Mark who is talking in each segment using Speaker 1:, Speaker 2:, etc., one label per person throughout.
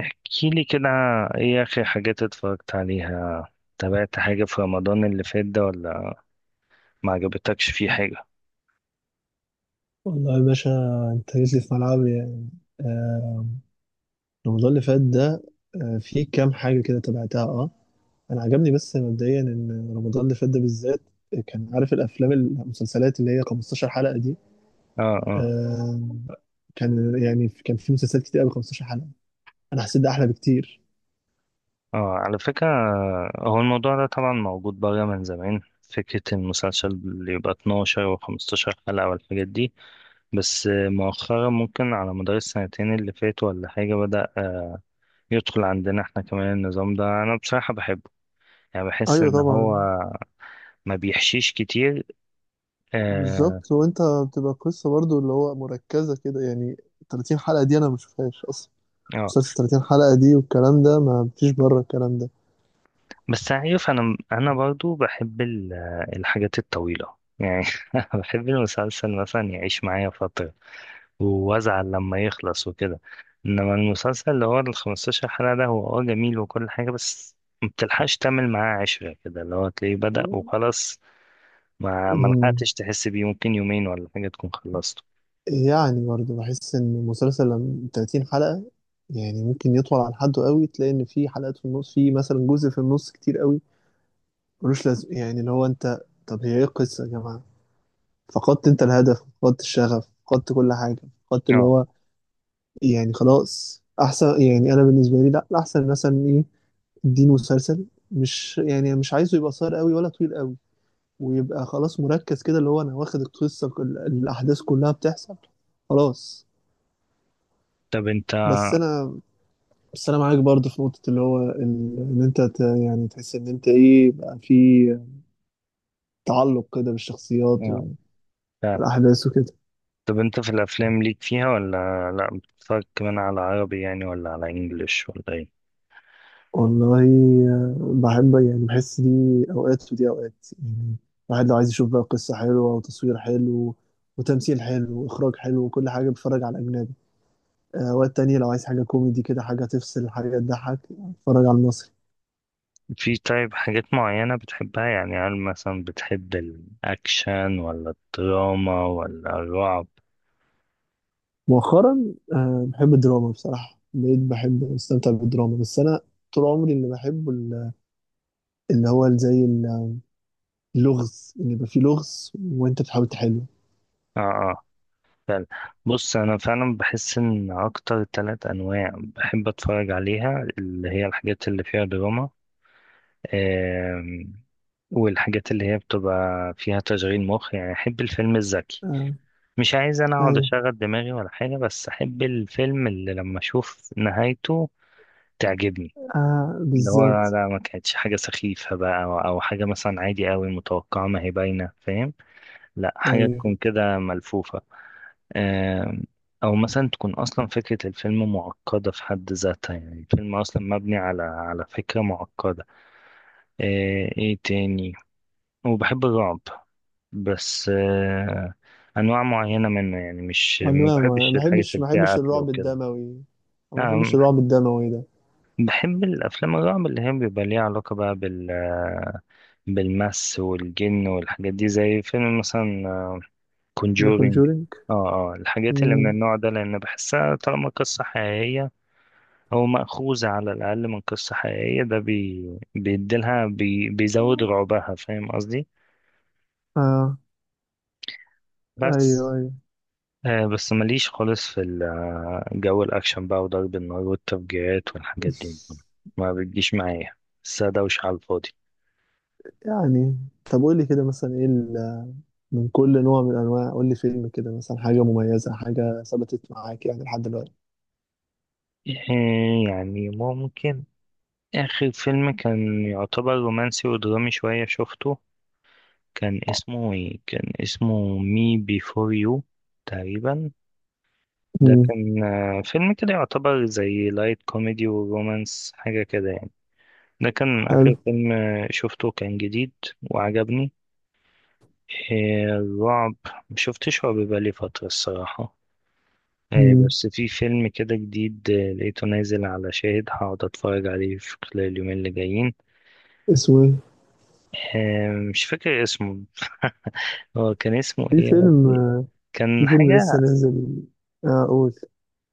Speaker 1: احكي لي كده. ايه اخر حاجات اتفرجت عليها؟ تابعت حاجة في رمضان اللي فات ده ولا ما عجبتكش فيه حاجة؟
Speaker 2: والله يا باشا، انت جيت لي في ملعبي يعني. آه، رمضان اللي فات ده، آه في كام حاجة كده تابعتها. اه انا عجبني بس مبدئيا ان رمضان اللي فات ده بالذات، كان عارف الافلام المسلسلات اللي هي 15 حلقة دي.
Speaker 1: اه، اه،
Speaker 2: آه كان يعني كان في مسلسلات كتير قوي 15 حلقة. انا حسيت ده احلى بكتير.
Speaker 1: اه، على فكرة، هو الموضوع ده طبعا موجود بره من زمان، فكرة المسلسل اللي يبقى 12 و15 حلقة والحاجات دي. بس مؤخرا ممكن على مدار السنتين اللي فاتوا ولا حاجة بدأ يدخل عندنا احنا كمان النظام ده. أنا بصراحة بحبه، يعني بحس
Speaker 2: ايوه
Speaker 1: إن هو
Speaker 2: طبعا،
Speaker 1: ما بيحشيش كتير. اه،
Speaker 2: بالظبط. وانت بتبقى قصه برضو اللي هو مركزه كده يعني. 30 حلقه دي انا ما بشوفهاش اصلا،
Speaker 1: آه.
Speaker 2: مسلسل 30 حلقه دي والكلام ده، ما فيش بره الكلام ده.
Speaker 1: بس عارف، انا برضو بحب الحاجات الطويله يعني. بحب المسلسل مثلا يعيش معايا فتره وازعل لما يخلص وكده. انما المسلسل اللي هو ال 15 حلقه ده هو اه جميل وكل حاجه، بس ما بتلحقش تعمل معاه عشره، كده اللي هو تلاقيه بدأ وخلاص. ما
Speaker 2: مم.
Speaker 1: لحقتش تحس بيه، ممكن يومين ولا حاجه تكون خلصته.
Speaker 2: يعني برضه بحس ان المسلسل لما 30 حلقة، يعني ممكن يطول عن حده قوي، تلاقي ان في حلقات في النص، في مثلا جزء في النص كتير قوي ملوش لازمة. يعني اللي هو انت، طب هي ايه القصة يا جماعة؟ فقدت انت الهدف، فقدت الشغف، فقدت كل حاجة، فقدت اللي
Speaker 1: اه.
Speaker 2: هو، يعني خلاص احسن. يعني انا بالنسبة لي لا، احسن مثلا ايه؟ اديني مسلسل، مش يعني مش عايزه يبقى قصير قوي ولا طويل قوي، ويبقى خلاص مركز كده، اللي هو انا واخد القصة الاحداث كلها بتحصل، خلاص.
Speaker 1: طب انت،
Speaker 2: بس انا بس انا معاك برضه في نقطه اللي هو ان انت يعني تحس ان انت ايه بقى، في تعلق كده بالشخصيات
Speaker 1: اه، فعلا.
Speaker 2: والاحداث وكده.
Speaker 1: طب انت في الافلام ليك فيها ولا لا؟ بتتفرج كمان على عربي يعني ولا على انجليش ولا ايه؟
Speaker 2: والله، بحب يعني بحس دي اوقات ودي اوقات يعني. الواحد لو عايز يشوف بقى قصه حلوه وتصوير حلو وتمثيل حلو واخراج حلو وكل حاجه، بتفرج على الاجنبي. اوقات تانية لو عايز حاجه كوميدي كده، حاجه تفصل، حاجه تضحك، اتفرج على المصري.
Speaker 1: في، طيب، حاجات معينة بتحبها يعني؟ هل مثلا بتحب الأكشن ولا الدراما ولا الرعب؟
Speaker 2: مؤخرا بحب الدراما بصراحه، بقيت بحب استمتع بالدراما. بس انا طول عمري اللي بحبه اللي هو زي اللغز، ان يبقى فيه لغز وانت بتحاول تحله.
Speaker 1: اه، اه، فعلا. بص، أنا فعلا بحس إن أكتر تلات أنواع بحب أتفرج عليها اللي هي الحاجات اللي فيها دراما، آم، والحاجات اللي هي بتبقى فيها تشغيل مخ، يعني أحب الفيلم الذكي.
Speaker 2: آه.
Speaker 1: مش عايز أنا أقعد
Speaker 2: ايوه.
Speaker 1: أشغل دماغي ولا حاجة، بس أحب الفيلم اللي لما أشوف نهايته تعجبني.
Speaker 2: آه
Speaker 1: اللي هو
Speaker 2: بالظبط.
Speaker 1: لا، ما كانتش حاجة سخيفة بقى، أو حاجة مثلا عادي قوي متوقعة ما هي باينة فاهم. لا، حاجة
Speaker 2: ايوه.
Speaker 1: تكون كده ملفوفة. آم، أو مثلا تكون أصلا فكرة الفيلم معقدة في حد ذاتها، يعني الفيلم أصلا مبني على فكرة معقدة. إيه تاني؟ وبحب الرعب بس أنواع معينة منه، يعني مش،
Speaker 2: انا
Speaker 1: ما
Speaker 2: ما، ما
Speaker 1: بحبش الحاجات
Speaker 2: بحبش
Speaker 1: اللي
Speaker 2: ما
Speaker 1: فيها
Speaker 2: بحبش
Speaker 1: قتل
Speaker 2: الرعب
Speaker 1: وكده.
Speaker 2: الدموي، أو ما بحبش
Speaker 1: نعم.
Speaker 2: الرعب الدموي ده.
Speaker 1: بحب الأفلام الرعب اللي هي بيبقى ليها علاقة بقى بالمس والجن والحاجات دي، زي فيلم مثلا
Speaker 2: ذا
Speaker 1: كونجورينج.
Speaker 2: كونجورينج.
Speaker 1: اه، اه، الحاجات اللي من
Speaker 2: امم.
Speaker 1: النوع ده، لأن بحسها طالما قصة حقيقية أو مأخوذة على الأقل من قصة حقيقية، ده بيديلها، بيزود رعبها، فاهم قصدي.
Speaker 2: اه. ايوه
Speaker 1: بس
Speaker 2: ايوه.
Speaker 1: بس ماليش خالص في جو الأكشن بقى وضرب النار والتفجيرات والحاجات دي. ما بتجيش معايا، بس دوشة على الفاضي.
Speaker 2: يعني طب قول لي كده مثلا ايه من كل نوع من انواع، قول لي فيلم كده مثلا، حاجه مميزه، حاجه ثبتت معاك يعني لحد دلوقتي.
Speaker 1: آه، يعني ممكن آخر فيلم كان يعتبر رومانسي ودرامي شوية شفته، كان اسمه إيه؟ كان اسمه مي بيفور يو تقريبا. ده
Speaker 2: امم.
Speaker 1: كان فيلم كده يعتبر زي لايت كوميدي ورومانس، حاجة كده يعني. ده كان
Speaker 2: حلو.
Speaker 1: آخر فيلم شفته كان جديد وعجبني. الرعب، مشفتش رعب بقالي فترة الصراحة.
Speaker 2: امم.
Speaker 1: بس في فيلم كده جديد لقيته نازل على شاهد، هقعد اتفرج عليه في خلال اليومين اللي جايين.
Speaker 2: اسمه ايه؟
Speaker 1: مش فاكر اسمه. هو كان اسمه
Speaker 2: في
Speaker 1: ايه يا
Speaker 2: فيلم،
Speaker 1: ربي؟
Speaker 2: في
Speaker 1: كان
Speaker 2: فيلم لسه
Speaker 1: حاجة،
Speaker 2: نازل. اه قول.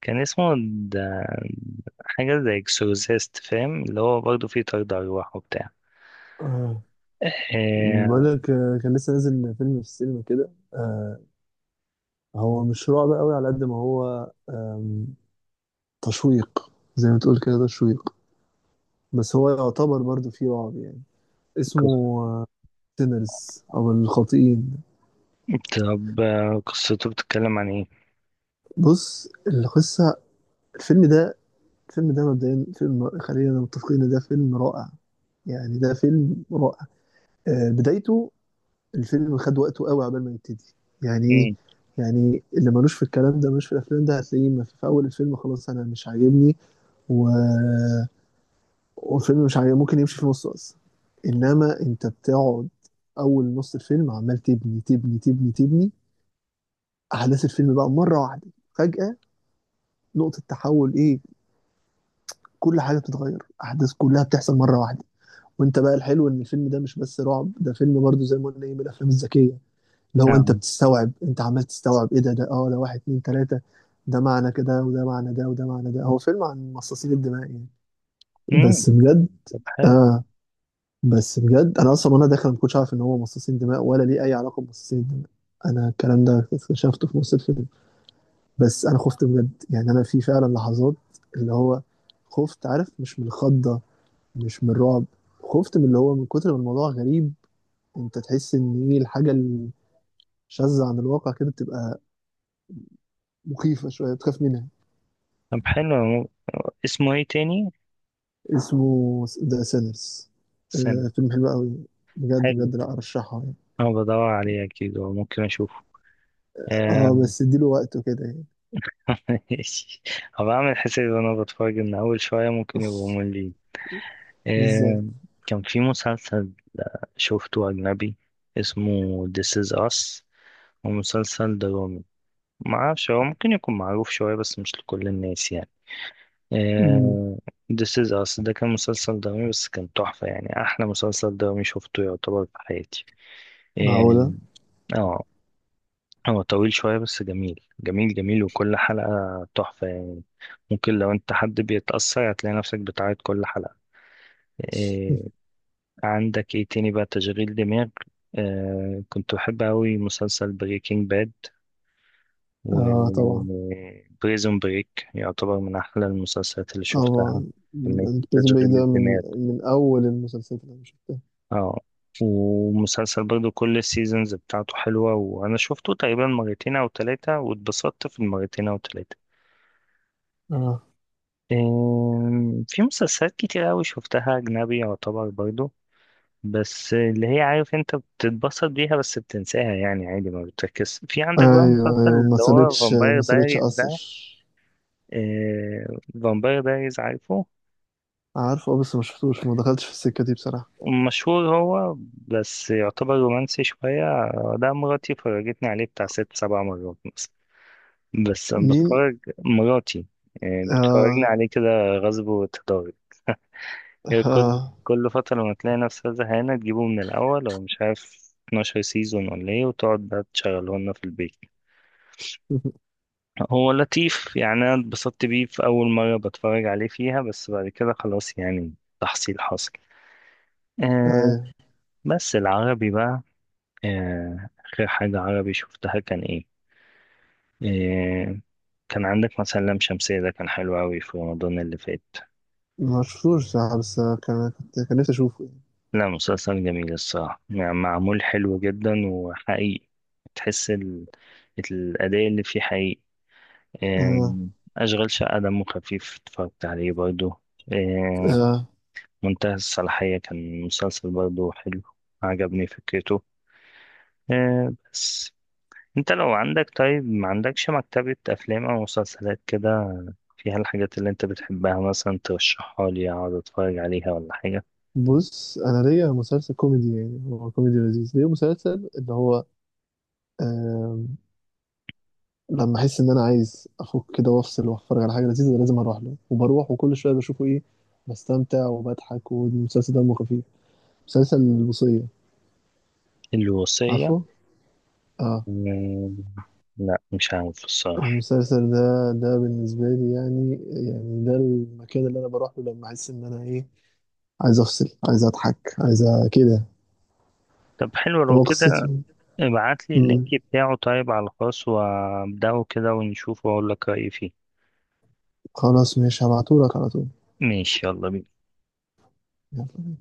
Speaker 1: كان اسمه، ده حاجة زي اكسورسيست، فاهم اللي هو برضه فيه طرد أرواح وبتاع.
Speaker 2: آه، بقول
Speaker 1: آه.
Speaker 2: لك، كان لسه نازل فيلم في السينما كده، هو مش رعب قوي على قد ما هو تشويق. زي ما تقول كده تشويق، بس هو يعتبر برضو فيه رعب يعني.
Speaker 1: قص-
Speaker 2: اسمه سينرز او الخاطئين.
Speaker 1: طب قصته بتتكلم عن ايه؟
Speaker 2: بص القصة، الفيلم ده الفيلم ده مبدئيا فيلم، خلينا متفقين إن ده فيلم رائع، يعني ده فيلم رائع. بدايته، الفيلم خد وقته قوي عبال ما يبتدي. يعني ايه؟
Speaker 1: مم.
Speaker 2: يعني اللي ملوش في الكلام ده، ملوش في الافلام ده، هتلاقيه ما في اول الفيلم خلاص انا مش عاجبني، و... والفيلم مش عاجبني ممكن يمشي في نصه اصلا. انما انت بتقعد اول نص الفيلم، عمال تبني، احداث الفيلم بقى مره واحده فجاه، نقطه تحول، ايه، كل حاجه بتتغير، احداث كلها بتحصل مره واحده. وانت بقى، الحلو ان الفيلم ده مش بس رعب، ده فيلم برضه زي ما قلنا ايه، من الافلام الذكيه. لو انت
Speaker 1: آه.
Speaker 2: بتستوعب، انت عمال تستوعب ايه، ده ده اه ده واحد اتنين تلاتة، ده معنى كده وده معنى ده وده معنى ده. هو فيلم عن مصاصين الدماء يعني،
Speaker 1: مم.
Speaker 2: بس بجد.
Speaker 1: طب حلو.
Speaker 2: اه بس بجد، انا اصلا وانا داخل ما كنتش عارف ان هو مصاصين دماء ولا ليه اي علاقة بمصاصين الدماء، انا الكلام ده اكتشفته في نص الفيلم. بس انا خفت بجد، يعني انا في فعلا لحظات اللي هو خفت، عارف مش من الخضة، مش من الرعب، خفت من اللي هو من كتر ما الموضوع غريب. انت تحس ان ايه، الحاجة الشاذة عن الواقع كده بتبقى مخيفة شوية، بتخاف منها.
Speaker 1: طب حلو، اسمه ايه تاني؟
Speaker 2: اسمه ذا سينرز.
Speaker 1: استنى.
Speaker 2: آه فيلم حلو قوي بجد
Speaker 1: حلو،
Speaker 2: بجد، لا ارشحه يعني.
Speaker 1: انا بدور عليه اكيد وممكن اشوفه آه،
Speaker 2: اه بس اديله وقته كده يعني.
Speaker 1: ماشي. هبقى اعمل حسابي وانا بتفرج ان اول شوية ممكن يبقوا مملين.
Speaker 2: بالظبط.
Speaker 1: آه، كان في مسلسل شفته أجنبي اسمه This is Us. هو مسلسل درامي، معرفش هو ممكن يكون معروف شوية بس مش لكل الناس يعني.
Speaker 2: مم.
Speaker 1: آه، This is Us ده كان مسلسل درامي بس كان تحفة، يعني أحلى مسلسل درامي شفته يعتبر في حياتي.
Speaker 2: معقولة.
Speaker 1: اه. آه، هو طويل شوية بس جميل جميل جميل، وكل حلقة تحفة يعني. ممكن لو انت حد بيتأثر هتلاقي نفسك بتعيط كل حلقة. آه، عندك ايه تاني بقى؟ تشغيل دماغ، آه، كنت بحب أوي مسلسل بريكنج باد، و
Speaker 2: اه طبعا.
Speaker 1: بريزون بريك يعتبر من أحلى المسلسلات اللي شفتها،
Speaker 2: طبعا.
Speaker 1: كمية
Speaker 2: بريزن بريك
Speaker 1: تشغيل
Speaker 2: ده من،
Speaker 1: الدماغ.
Speaker 2: من اول المسلسلات اللي انا شفتها.
Speaker 1: اه. ومسلسل برضو كل السيزونز بتاعته حلوة، وأنا شفته تقريبا مرتين أو تلاتة واتبسطت في المرتين أو تلاتة.
Speaker 2: اه.
Speaker 1: في مسلسلات كتير أوي شفتها أجنبي يعتبر برضو، بس اللي هي عارف انت بتتبسط بيها بس بتنساها يعني عادي، ما بتركز. في عندك بقى
Speaker 2: ايوه
Speaker 1: مسلسل
Speaker 2: ايوه، ما
Speaker 1: اللي هو
Speaker 2: سابتش
Speaker 1: فامباير
Speaker 2: ما سابتش
Speaker 1: دايريز
Speaker 2: اثر.
Speaker 1: ده. آه، فامباير دايريز، عارفه،
Speaker 2: عارفه اه، بس ما شفتوش، ما دخلتش في السكه دي بصراحه.
Speaker 1: مشهور هو. بس يعتبر رومانسي شوية ده مراتي فرجتني عليه بتاع ست سبع مرات مثلا. بس أنا
Speaker 2: مين؟
Speaker 1: بتفرج، مراتي آه بتفرجني
Speaker 2: اه.
Speaker 1: عليه كده غصب وتداري. هي كل،
Speaker 2: اه.
Speaker 1: كل فترة لما تلاقي نفسها زهقانة تجيبه من الأول أو مش عارف 12 سيزون ولا ايه، وتقعد بقى تشغله لنا في البيت. هو لطيف يعني، انا اتبسطت بيه في اول مره بتفرج عليه فيها، بس بعد كده خلاص يعني تحصيل حاصل. آه.
Speaker 2: ايوه.
Speaker 1: بس العربي بقى، آه، اخر حاجه عربي شفتها كان ايه، آه، كان عندك مثلا لام شمسية، ده كان حلو أوي في رمضان اللي فات.
Speaker 2: ما شفتوش صراحه، بس كان كنت كان نفسي اشوفه يعني.
Speaker 1: لا مسلسل جميل الصراحة يعني، معمول حلو جدا وحقيقي، تحس ال... الأداء اللي فيه حقيقي.
Speaker 2: آه.
Speaker 1: آم، أشغال شقة دمه خفيف، اتفرجت عليه برضه. آه،
Speaker 2: آه.
Speaker 1: منتهى الصلاحية كان مسلسل برضه حلو، عجبني فكرته. آه. بس انت لو عندك، طيب ما عندكش مكتبة أفلام أو مسلسلات كده فيها الحاجات اللي انت بتحبها مثلا، ترشحها لي أقعد أتفرج عليها ولا حاجة؟
Speaker 2: بص انا ليا مسلسل كوميدي، يعني هو كوميدي لذيذ، ليا مسلسل اللي هو آه، لما احس ان انا عايز افك كده وافصل واتفرج على حاجه لذيذه، لازم اروح له، وبروح وكل شويه بشوفه، ايه، بستمتع وبضحك والمسلسل دمه خفيف، مسلسل الوصيه.
Speaker 1: الوصية.
Speaker 2: عارفه؟ اه.
Speaker 1: آه، لا مش عارف الصراحة.
Speaker 2: المسلسل ده، ده بالنسبه لي يعني، يعني ده المكان اللي انا بروح له لما احس ان انا ايه، عايز افصل، عايز اضحك، عايز كده.
Speaker 1: طب حلو لو
Speaker 2: هو
Speaker 1: كده،
Speaker 2: قصته،
Speaker 1: ابعت لي اللينك
Speaker 2: مم.
Speaker 1: بتاعه طيب على الخاص وابدأه كده ونشوفه وأقول لك رأيي فيه.
Speaker 2: خلاص ماشي هبعتهولك على طول.
Speaker 1: ماشي، يلا بينا.
Speaker 2: يلا.